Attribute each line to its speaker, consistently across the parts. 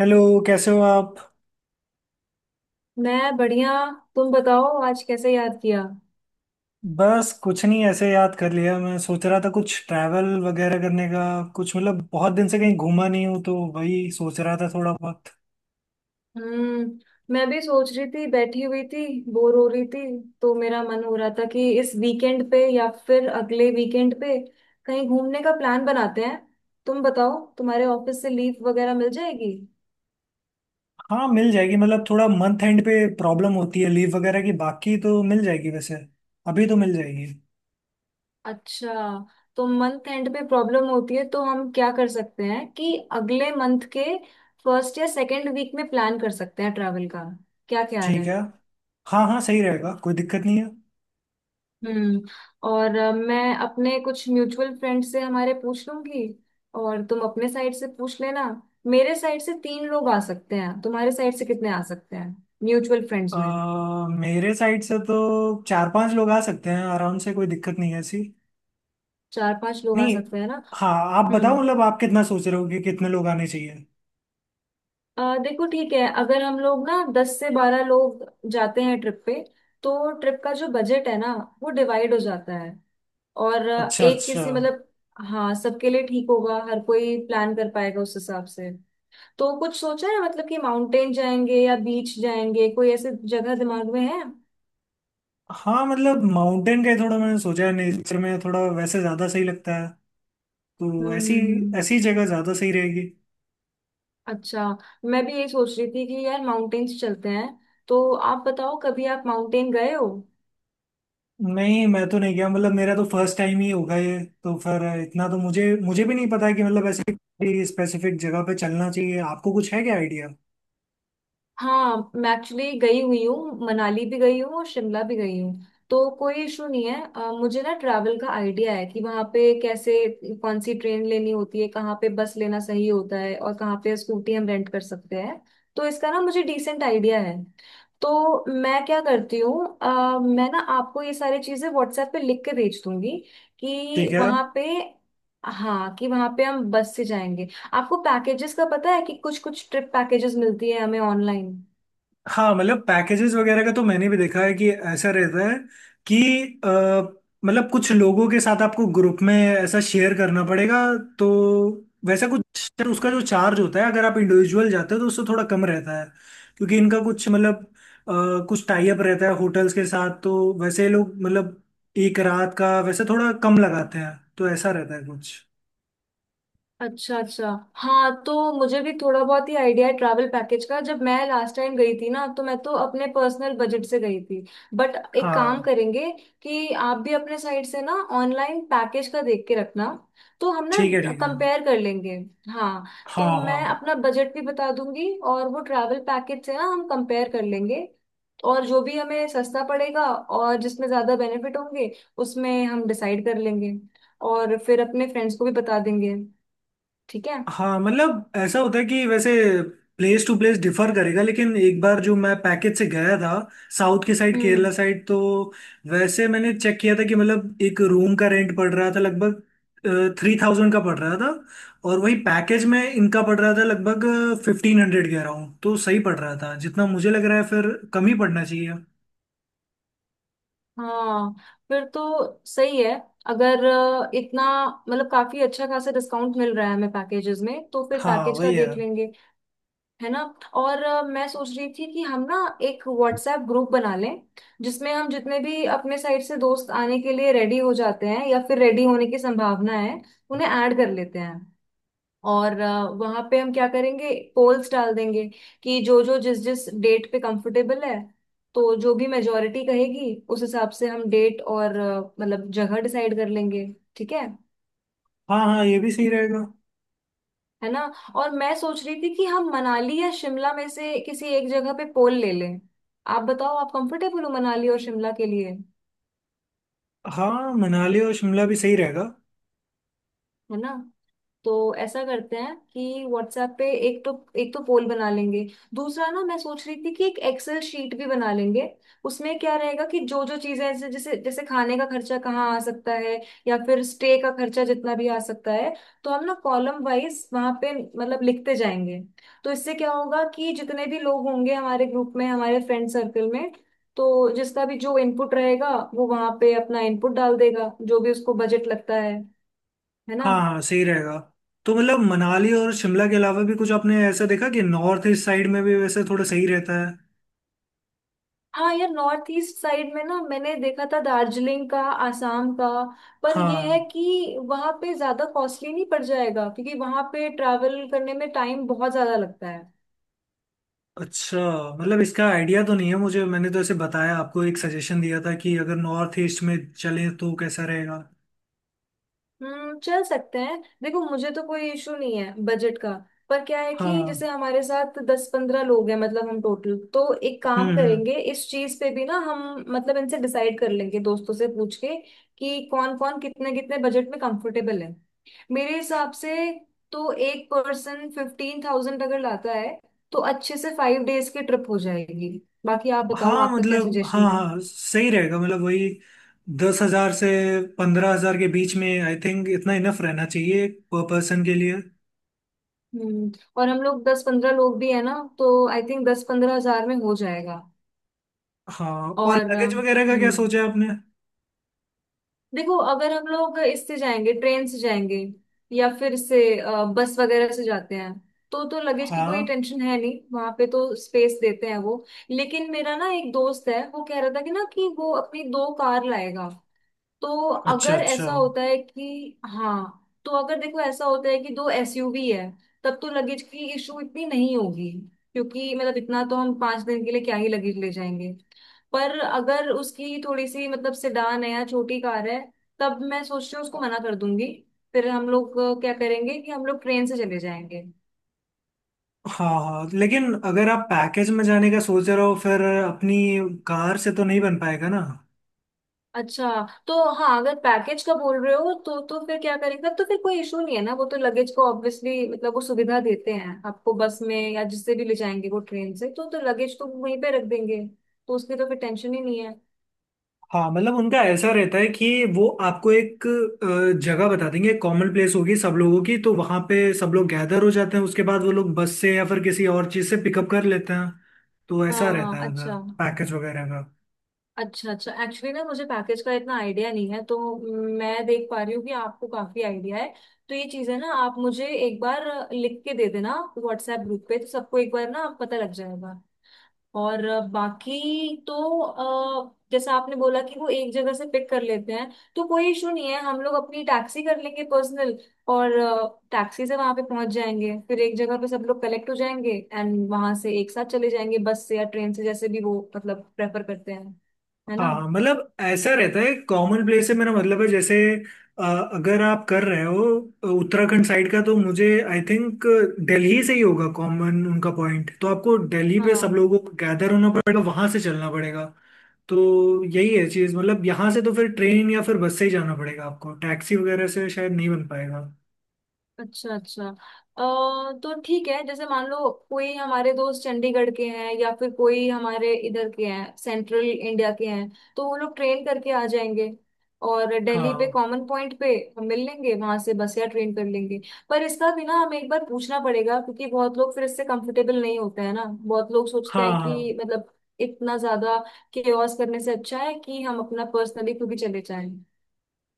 Speaker 1: Hello. कैसे हो आप?
Speaker 2: मैं बढ़िया। तुम बताओ, आज कैसे याद किया।
Speaker 1: बस कुछ नहीं, ऐसे याद कर लिया। मैं सोच रहा था कुछ ट्रैवल वगैरह करने का। कुछ मतलब बहुत दिन से कहीं घूमा नहीं हूँ, तो वही सोच रहा था थोड़ा बहुत।
Speaker 2: हम्म मैं भी सोच रही थी, बैठी हुई थी, बोर हो रही थी। तो मेरा मन हो रहा था कि इस वीकेंड पे या फिर अगले वीकेंड पे कहीं घूमने का प्लान बनाते हैं। तुम बताओ, तुम्हारे ऑफिस से लीव वगैरह मिल जाएगी।
Speaker 1: हाँ मिल जाएगी, मतलब थोड़ा मंथ एंड पे प्रॉब्लम होती है लीव वगैरह की, बाकी तो मिल जाएगी वैसे। अभी तो मिल जाएगी।
Speaker 2: अच्छा। तो मंथ एंड पे प्रॉब्लम होती है, तो हम क्या कर सकते हैं कि अगले मंथ के फर्स्ट या सेकेंड वीक में प्लान कर सकते हैं ट्रैवल का। क्या ख्याल
Speaker 1: ठीक
Speaker 2: है।
Speaker 1: है। हाँ हाँ सही रहेगा, कोई दिक्कत नहीं है।
Speaker 2: हम्म। और मैं अपने कुछ म्यूचुअल फ्रेंड से हमारे पूछ लूंगी। और तुम अपने साइड से पूछ लेना। मेरे साइड से तीन लोग आ सकते हैं, तुम्हारे साइड से कितने आ सकते हैं म्यूचुअल फ्रेंड्स में।
Speaker 1: मेरे साइड से तो चार पांच लोग आ सकते हैं आराम से, कोई दिक्कत नहीं है ऐसी।
Speaker 2: चार पांच लोग आ
Speaker 1: नहीं।
Speaker 2: सकते हैं ना।
Speaker 1: हाँ। आप बताओ,
Speaker 2: हम्म।
Speaker 1: मतलब आप कितना सोच रहे हो कि कितने लोग आने चाहिए?
Speaker 2: देखो, ठीक है, अगर हम लोग ना 10 से 12 लोग जाते हैं ट्रिप पे, तो ट्रिप का जो बजट है ना, वो डिवाइड हो जाता है। और
Speaker 1: अच्छा
Speaker 2: एक
Speaker 1: अच्छा।
Speaker 2: किसी मतलब। हाँ, सबके लिए ठीक होगा, हर कोई प्लान कर पाएगा उस हिसाब से। तो कुछ सोचा है मतलब कि माउंटेन जाएंगे या बीच जाएंगे, कोई ऐसे जगह दिमाग में है। हम्म।
Speaker 1: हाँ मतलब माउंटेन का ही थोड़ा मैंने सोचा है, नेचर में थोड़ा वैसे ज्यादा सही लगता है। तो
Speaker 2: हम्म,
Speaker 1: ऐसी
Speaker 2: हम्म।
Speaker 1: ऐसी जगह ज्यादा सही रहेगी।
Speaker 2: अच्छा। मैं भी ये सोच रही थी कि यार माउंटेन्स चलते हैं, तो आप बताओ, कभी आप माउंटेन गए हो।
Speaker 1: नहीं, मैं तो नहीं गया, मतलब मेरा तो फर्स्ट टाइम ही होगा ये। तो फिर इतना तो मुझे मुझे भी नहीं पता है कि मतलब ऐसे स्पेसिफिक जगह पे चलना चाहिए। आपको कुछ है क्या आइडिया?
Speaker 2: हाँ, मैं एक्चुअली गई हुई हूँ, मनाली भी गई हूँ और शिमला भी गई हूँ। तो कोई इशू नहीं है। मुझे ना ट्रैवल का आइडिया है कि वहाँ पे कैसे कौन सी ट्रेन लेनी होती है, कहाँ पे बस लेना सही होता है और कहाँ पे स्कूटी हम रेंट कर सकते हैं। तो इसका ना मुझे डिसेंट आइडिया है। तो मैं क्या करती हूँ, मैं ना आपको ये सारी चीज़ें व्हाट्सएप पे लिख के भेज दूंगी,
Speaker 1: ठीक
Speaker 2: कि
Speaker 1: है।
Speaker 2: वहाँ पे हाँ, कि वहाँ पे हम बस से जाएंगे। आपको पैकेजेस का पता है कि कुछ कुछ ट्रिप पैकेजेस मिलती है हमें ऑनलाइन।
Speaker 1: हाँ मतलब पैकेजेस वगैरह का तो मैंने भी देखा है कि ऐसा रहता है कि अ, मतलब कुछ लोगों के साथ आपको ग्रुप में ऐसा शेयर करना पड़ेगा, तो वैसा कुछ उसका जो चार्ज होता है अगर आप इंडिविजुअल जाते हो तो उससे थोड़ा कम रहता है, क्योंकि इनका कुछ मतलब कुछ टाई अप रहता है होटल्स के साथ, तो वैसे ये लोग मतलब एक रात का वैसे थोड़ा कम लगाते हैं, तो ऐसा रहता है कुछ।
Speaker 2: अच्छा, अच्छा। हाँ, तो मुझे भी थोड़ा बहुत ही आइडिया है ट्रैवल पैकेज का। जब मैं लास्ट टाइम गई थी ना, तो मैं तो अपने पर्सनल बजट से गई थी। बट एक काम
Speaker 1: हाँ
Speaker 2: करेंगे, कि आप भी अपने साइड से ना ऑनलाइन पैकेज का देख के रखना। तो हम
Speaker 1: ठीक है,
Speaker 2: ना
Speaker 1: ठीक है।
Speaker 2: कंपेयर कर लेंगे। हाँ,
Speaker 1: हाँ
Speaker 2: तो
Speaker 1: हाँ।
Speaker 2: मैं अपना बजट भी बता दूंगी और वो ट्रैवल पैकेज से ना हम कंपेयर कर लेंगे। और जो भी हमें सस्ता पड़ेगा और जिसमें ज्यादा बेनिफिट होंगे, उसमें हम डिसाइड कर लेंगे। और फिर अपने फ्रेंड्स को भी बता देंगे। ठीक है।
Speaker 1: हाँ मतलब ऐसा होता है कि वैसे प्लेस टू प्लेस डिफर करेगा, लेकिन एक बार जो मैं पैकेज से गया था साउथ की साइड, केरला
Speaker 2: हम्म।
Speaker 1: साइड, तो वैसे मैंने चेक किया था कि मतलब एक रूम का रेंट पड़ रहा था लगभग 3000 का पड़ रहा था, और वही पैकेज में इनका पड़ रहा था लगभग 1500 कह रहा हूँ, तो सही पड़ रहा था, जितना मुझे लग रहा है फिर कम ही पड़ना चाहिए।
Speaker 2: हाँ। फिर तो सही है। अगर इतना मतलब काफी अच्छा खासा डिस्काउंट मिल रहा है हमें पैकेजेस में, तो फिर
Speaker 1: हाँ
Speaker 2: पैकेज का
Speaker 1: वही है।
Speaker 2: देख लेंगे। है ना। और मैं सोच रही थी कि हम ना एक व्हाट्सएप ग्रुप बना लें, जिसमें हम जितने भी अपने साइड से दोस्त आने के लिए रेडी हो जाते हैं या फिर रेडी होने की संभावना है, उन्हें ऐड कर लेते हैं। और वहां पे हम क्या करेंगे, पोल्स डाल देंगे, कि जो जो जिस जिस डेट पे कंफर्टेबल है। तो जो भी मेजोरिटी कहेगी, उस हिसाब से हम डेट और मतलब जगह डिसाइड कर लेंगे। ठीक है।
Speaker 1: हाँ हाँ, ये भी सही रहेगा।
Speaker 2: है ना। और मैं सोच रही थी कि हम मनाली या शिमला में से किसी एक जगह पे पोल ले लें। आप बताओ, आप कंफर्टेबल हो मनाली और शिमला के लिए।
Speaker 1: हाँ मनाली और शिमला भी सही रहेगा।
Speaker 2: है ना। तो ऐसा करते हैं कि व्हाट्सएप पे एक तो पोल बना लेंगे। दूसरा, ना मैं सोच रही थी कि एक एक्सेल शीट भी बना लेंगे। उसमें क्या रहेगा कि जो जो चीजें, ऐसे जैसे जैसे खाने का खर्चा कहाँ आ सकता है, या फिर स्टे का खर्चा जितना भी आ सकता है। तो हम ना कॉलम वाइज वहां पे मतलब लिखते जाएंगे। तो इससे क्या होगा कि जितने भी लोग होंगे हमारे ग्रुप में, हमारे फ्रेंड सर्कल में, तो जिसका भी जो इनपुट रहेगा, वो वहां पे अपना इनपुट डाल देगा जो भी उसको बजट लगता है। है ना।
Speaker 1: हाँ हाँ सही रहेगा। तो मतलब मनाली और शिमला के अलावा भी कुछ आपने ऐसा देखा कि नॉर्थ ईस्ट साइड में भी वैसे थोड़ा सही रहता है?
Speaker 2: हाँ यार, नॉर्थ ईस्ट साइड में ना मैंने देखा था, दार्जिलिंग का, आसाम का। पर ये है
Speaker 1: हाँ।
Speaker 2: कि वहाँ पे ज्यादा कॉस्टली नहीं पड़ जाएगा, क्योंकि वहाँ पे ट्रैवल करने में टाइम बहुत ज्यादा लगता है।
Speaker 1: अच्छा। मतलब इसका आइडिया तो नहीं है मुझे, मैंने तो ऐसे बताया आपको, एक सजेशन दिया था कि अगर नॉर्थ ईस्ट में चलें तो कैसा रहेगा।
Speaker 2: हम्म। चल सकते हैं, देखो मुझे तो कोई इशू नहीं है बजट का। पर क्या है कि
Speaker 1: हाँ।
Speaker 2: जैसे हमारे साथ 10-15 लोग हैं मतलब हम टोटल, तो एक काम
Speaker 1: हम्म।
Speaker 2: करेंगे, इस चीज पे भी ना हम मतलब इनसे डिसाइड कर लेंगे, दोस्तों से पूछ के। कि कौन कौन कितने कितने बजट में कंफर्टेबल है। मेरे हिसाब से, तो एक पर्सन 15,000 अगर लाता है, तो अच्छे से 5 डेज की ट्रिप हो जाएगी। बाकी आप बताओ,
Speaker 1: हाँ
Speaker 2: आपका क्या
Speaker 1: मतलब हाँ
Speaker 2: सजेशन है।
Speaker 1: हाँ सही रहेगा, मतलब वही 10 हजार से 15 हजार के बीच में, आई थिंक इतना इनफ रहना चाहिए पर पर्सन के लिए।
Speaker 2: हम्म और हम लोग 10-15 लोग भी है ना, तो आई थिंक 10-15 हजार में हो जाएगा।
Speaker 1: हाँ, और
Speaker 2: और
Speaker 1: लगेज वगैरह का क्या सोचा है आपने?
Speaker 2: देखो, अगर हम लोग इससे जाएंगे, ट्रेन से जाएंगे, या फिर इससे बस वगैरह से जाते हैं, तो लगेज की कोई
Speaker 1: हाँ
Speaker 2: टेंशन है नहीं, वहां पे तो स्पेस देते हैं वो। लेकिन मेरा ना एक दोस्त है, वो कह रहा था कि ना कि वो अपनी दो कार लाएगा। तो
Speaker 1: अच्छा
Speaker 2: अगर
Speaker 1: अच्छा।
Speaker 2: ऐसा होता है कि हाँ। तो अगर देखो ऐसा होता है कि दो एसयूवी है, तब तो लगेज की इशू इतनी नहीं होगी। क्योंकि मतलब इतना तो हम 5 दिन के लिए क्या ही लगेज ले जाएंगे। पर अगर उसकी थोड़ी सी मतलब सेडान है या छोटी कार है, तब मैं सोच रही हूँ उसको मना कर दूंगी। फिर हम लोग क्या करेंगे, कि हम लोग ट्रेन से चले जाएंगे।
Speaker 1: हाँ हाँ, लेकिन अगर आप पैकेज में जाने का सोच रहे हो फिर अपनी कार से तो नहीं बन पाएगा ना।
Speaker 2: अच्छा। तो हाँ, अगर पैकेज का बोल रहे हो तो फिर क्या करेंगे, तब तो फिर कोई इशू नहीं है ना, वो तो लगेज को ऑब्वियसली मतलब वो सुविधा देते हैं आपको, बस में या जिससे भी ले जाएंगे, वो ट्रेन से तो लगेज तो वहीं पे रख देंगे। तो उसकी तो फिर टेंशन ही नहीं है।
Speaker 1: हाँ मतलब उनका ऐसा रहता है कि वो आपको एक जगह बता देंगे, कॉमन प्लेस होगी सब लोगों की, तो वहां पे सब लोग गैदर हो जाते हैं, उसके बाद वो लोग बस से या फिर किसी और चीज से पिकअप कर लेते हैं, तो
Speaker 2: हाँ,
Speaker 1: ऐसा
Speaker 2: हाँ।
Speaker 1: रहता है उधर
Speaker 2: अच्छा,
Speaker 1: पैकेज वगैरह।
Speaker 2: अच्छा, अच्छा। एक्चुअली ना मुझे पैकेज का इतना आइडिया नहीं है, तो मैं देख पा रही हूँ कि आपको काफी आइडिया है। तो ये चीजें ना आप मुझे एक बार लिख के दे देना व्हाट्सएप ग्रुप पे, तो सबको एक बार ना पता लग जाएगा। और बाकी तो जैसे आपने बोला कि वो एक जगह से पिक कर लेते हैं, तो कोई इशू नहीं है, हम लोग अपनी टैक्सी कर लेंगे पर्सनल, और टैक्सी से वहां पे पहुंच जाएंगे, फिर एक जगह पे सब लोग कलेक्ट हो जाएंगे एंड वहां से एक साथ चले जाएंगे, बस से या ट्रेन से जैसे भी वो मतलब प्रेफर करते हैं। है ना।
Speaker 1: हाँ मतलब ऐसा रहता है कॉमन प्लेस से मेरा मतलब है, जैसे अ, अगर आप कर रहे हो उत्तराखंड साइड का तो मुझे आई थिंक दिल्ली से ही होगा कॉमन उनका पॉइंट, तो आपको दिल्ली पे सब
Speaker 2: हाँ,
Speaker 1: लोगों को गैदर होना पड़ेगा, वहां से चलना पड़ेगा। तो यही है चीज़, मतलब यहाँ से तो फिर ट्रेन या फिर बस से ही जाना पड़ेगा आपको, टैक्सी वगैरह से शायद नहीं बन पाएगा।
Speaker 2: अच्छा, अच्छा। तो ठीक है, जैसे मान लो कोई हमारे दोस्त चंडीगढ़ के हैं या फिर कोई हमारे इधर के हैं, सेंट्रल इंडिया के हैं। तो वो लोग ट्रेन करके आ जाएंगे और दिल्ली पे
Speaker 1: हाँ
Speaker 2: कॉमन पॉइंट पे हम मिल लेंगे, वहां से बस या ट्रेन कर लेंगे। पर इसका भी ना हमें एक बार पूछना पड़ेगा, क्योंकि बहुत लोग फिर इससे कंफर्टेबल नहीं होते हैं ना, बहुत लोग सोचते
Speaker 1: हाँ।
Speaker 2: हैं
Speaker 1: हाँ
Speaker 2: कि मतलब इतना ज्यादा केओस करने से अच्छा है कि हम अपना पर्सनली खुद ही चले जाएं।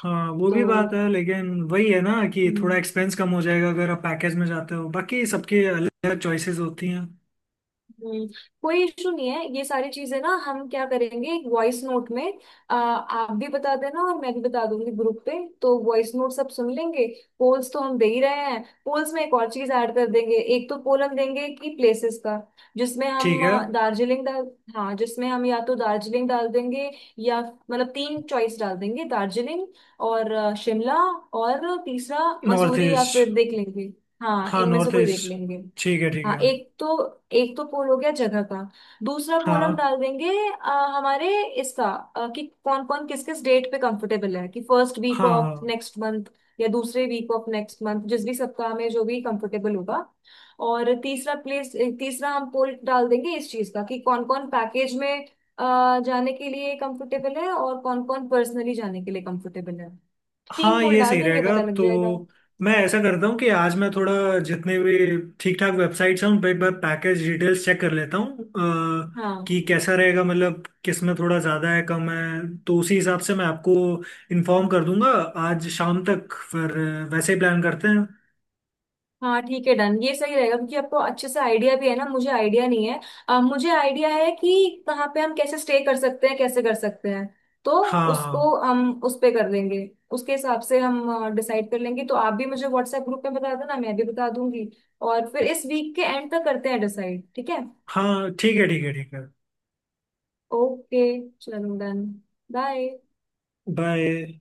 Speaker 1: हाँ वो
Speaker 2: तो
Speaker 1: भी बात है, लेकिन वही है ना कि थोड़ा
Speaker 2: हम्म
Speaker 1: एक्सपेंस कम हो जाएगा अगर आप पैकेज में जाते हो, बाकी सबके अलग अलग चॉइसेस होती हैं।
Speaker 2: हम्म, कोई इशू नहीं है, ये सारी चीजें ना हम क्या करेंगे, एक वॉइस नोट में आप भी बता देना और मैं भी बता दूंगी ग्रुप पे, तो वॉइस नोट सब सुन लेंगे। पोल्स तो हम दे ही रहे हैं। पोल्स में एक और चीज ऐड कर देंगे। एक तो पोल हम देंगे कि प्लेसेस का, जिसमें हम
Speaker 1: ठीक है।
Speaker 2: अ, दार्जिलिंग डाल हाँ जिसमें हम या तो दार्जिलिंग डाल देंगे, या मतलब तीन चॉइस डाल देंगे, दार्जिलिंग और शिमला और तीसरा
Speaker 1: नॉर्थ
Speaker 2: मसूरी, या
Speaker 1: ईस्ट।
Speaker 2: फिर देख लेंगे। हाँ,
Speaker 1: हाँ
Speaker 2: इनमें से
Speaker 1: नॉर्थ
Speaker 2: कोई देख
Speaker 1: ईस्ट।
Speaker 2: लेंगे।
Speaker 1: ठीक है, ठीक
Speaker 2: हाँ।
Speaker 1: है।
Speaker 2: एक तो पोल हो गया जगह का। दूसरा पोल हम
Speaker 1: हाँ
Speaker 2: डाल देंगे, हमारे इसका कि कौन कौन किस किस डेट पे कंफर्टेबल है, कि फर्स्ट वीक
Speaker 1: हाँ।
Speaker 2: ऑफ
Speaker 1: हाँ
Speaker 2: नेक्स्ट मंथ या दूसरे वीक ऑफ नेक्स्ट मंथ, जिस भी सप्ताह में जो भी कंफर्टेबल होगा। और तीसरा हम पोल डाल देंगे इस चीज का, कि कौन कौन पैकेज में जाने के लिए कंफर्टेबल है और कौन कौन पर्सनली जाने के लिए कंफर्टेबल है। तीन
Speaker 1: हाँ
Speaker 2: पोल
Speaker 1: ये
Speaker 2: डाल
Speaker 1: सही
Speaker 2: देंगे,
Speaker 1: रहेगा
Speaker 2: पता लग
Speaker 1: तो।
Speaker 2: जाएगा।
Speaker 1: मैं ऐसा करता हूँ कि आज मैं थोड़ा जितने भी ठीक ठाक वेबसाइट्स हैं उन पर एक बार पैकेज डिटेल्स चेक कर लेता हूँ,
Speaker 2: हाँ,
Speaker 1: कि कैसा रहेगा, मतलब किस में थोड़ा ज़्यादा है कम है, तो उसी हिसाब से मैं आपको इन्फॉर्म कर दूंगा आज शाम तक, फिर वैसे ही प्लान करते हैं।
Speaker 2: हाँ। ठीक है। डन। ये सही रहेगा, क्योंकि आपको अच्छे से आइडिया भी है ना, मुझे आइडिया नहीं है। मुझे आइडिया है कि कहाँ पे हम कैसे स्टे कर सकते हैं, कैसे कर सकते हैं। तो
Speaker 1: हाँ हाँ।
Speaker 2: उसको हम उस पे कर लेंगे। उसके हिसाब से हम डिसाइड कर लेंगे, तो आप भी मुझे व्हाट्सएप ग्रुप में बता देना, मैं भी बता दूंगी। और फिर इस वीक के एंड तक करते हैं डिसाइड। ठीक है।
Speaker 1: हाँ ठीक है, ठीक है, ठीक है।
Speaker 2: ओके। चलो, डन। बाय।
Speaker 1: बाय।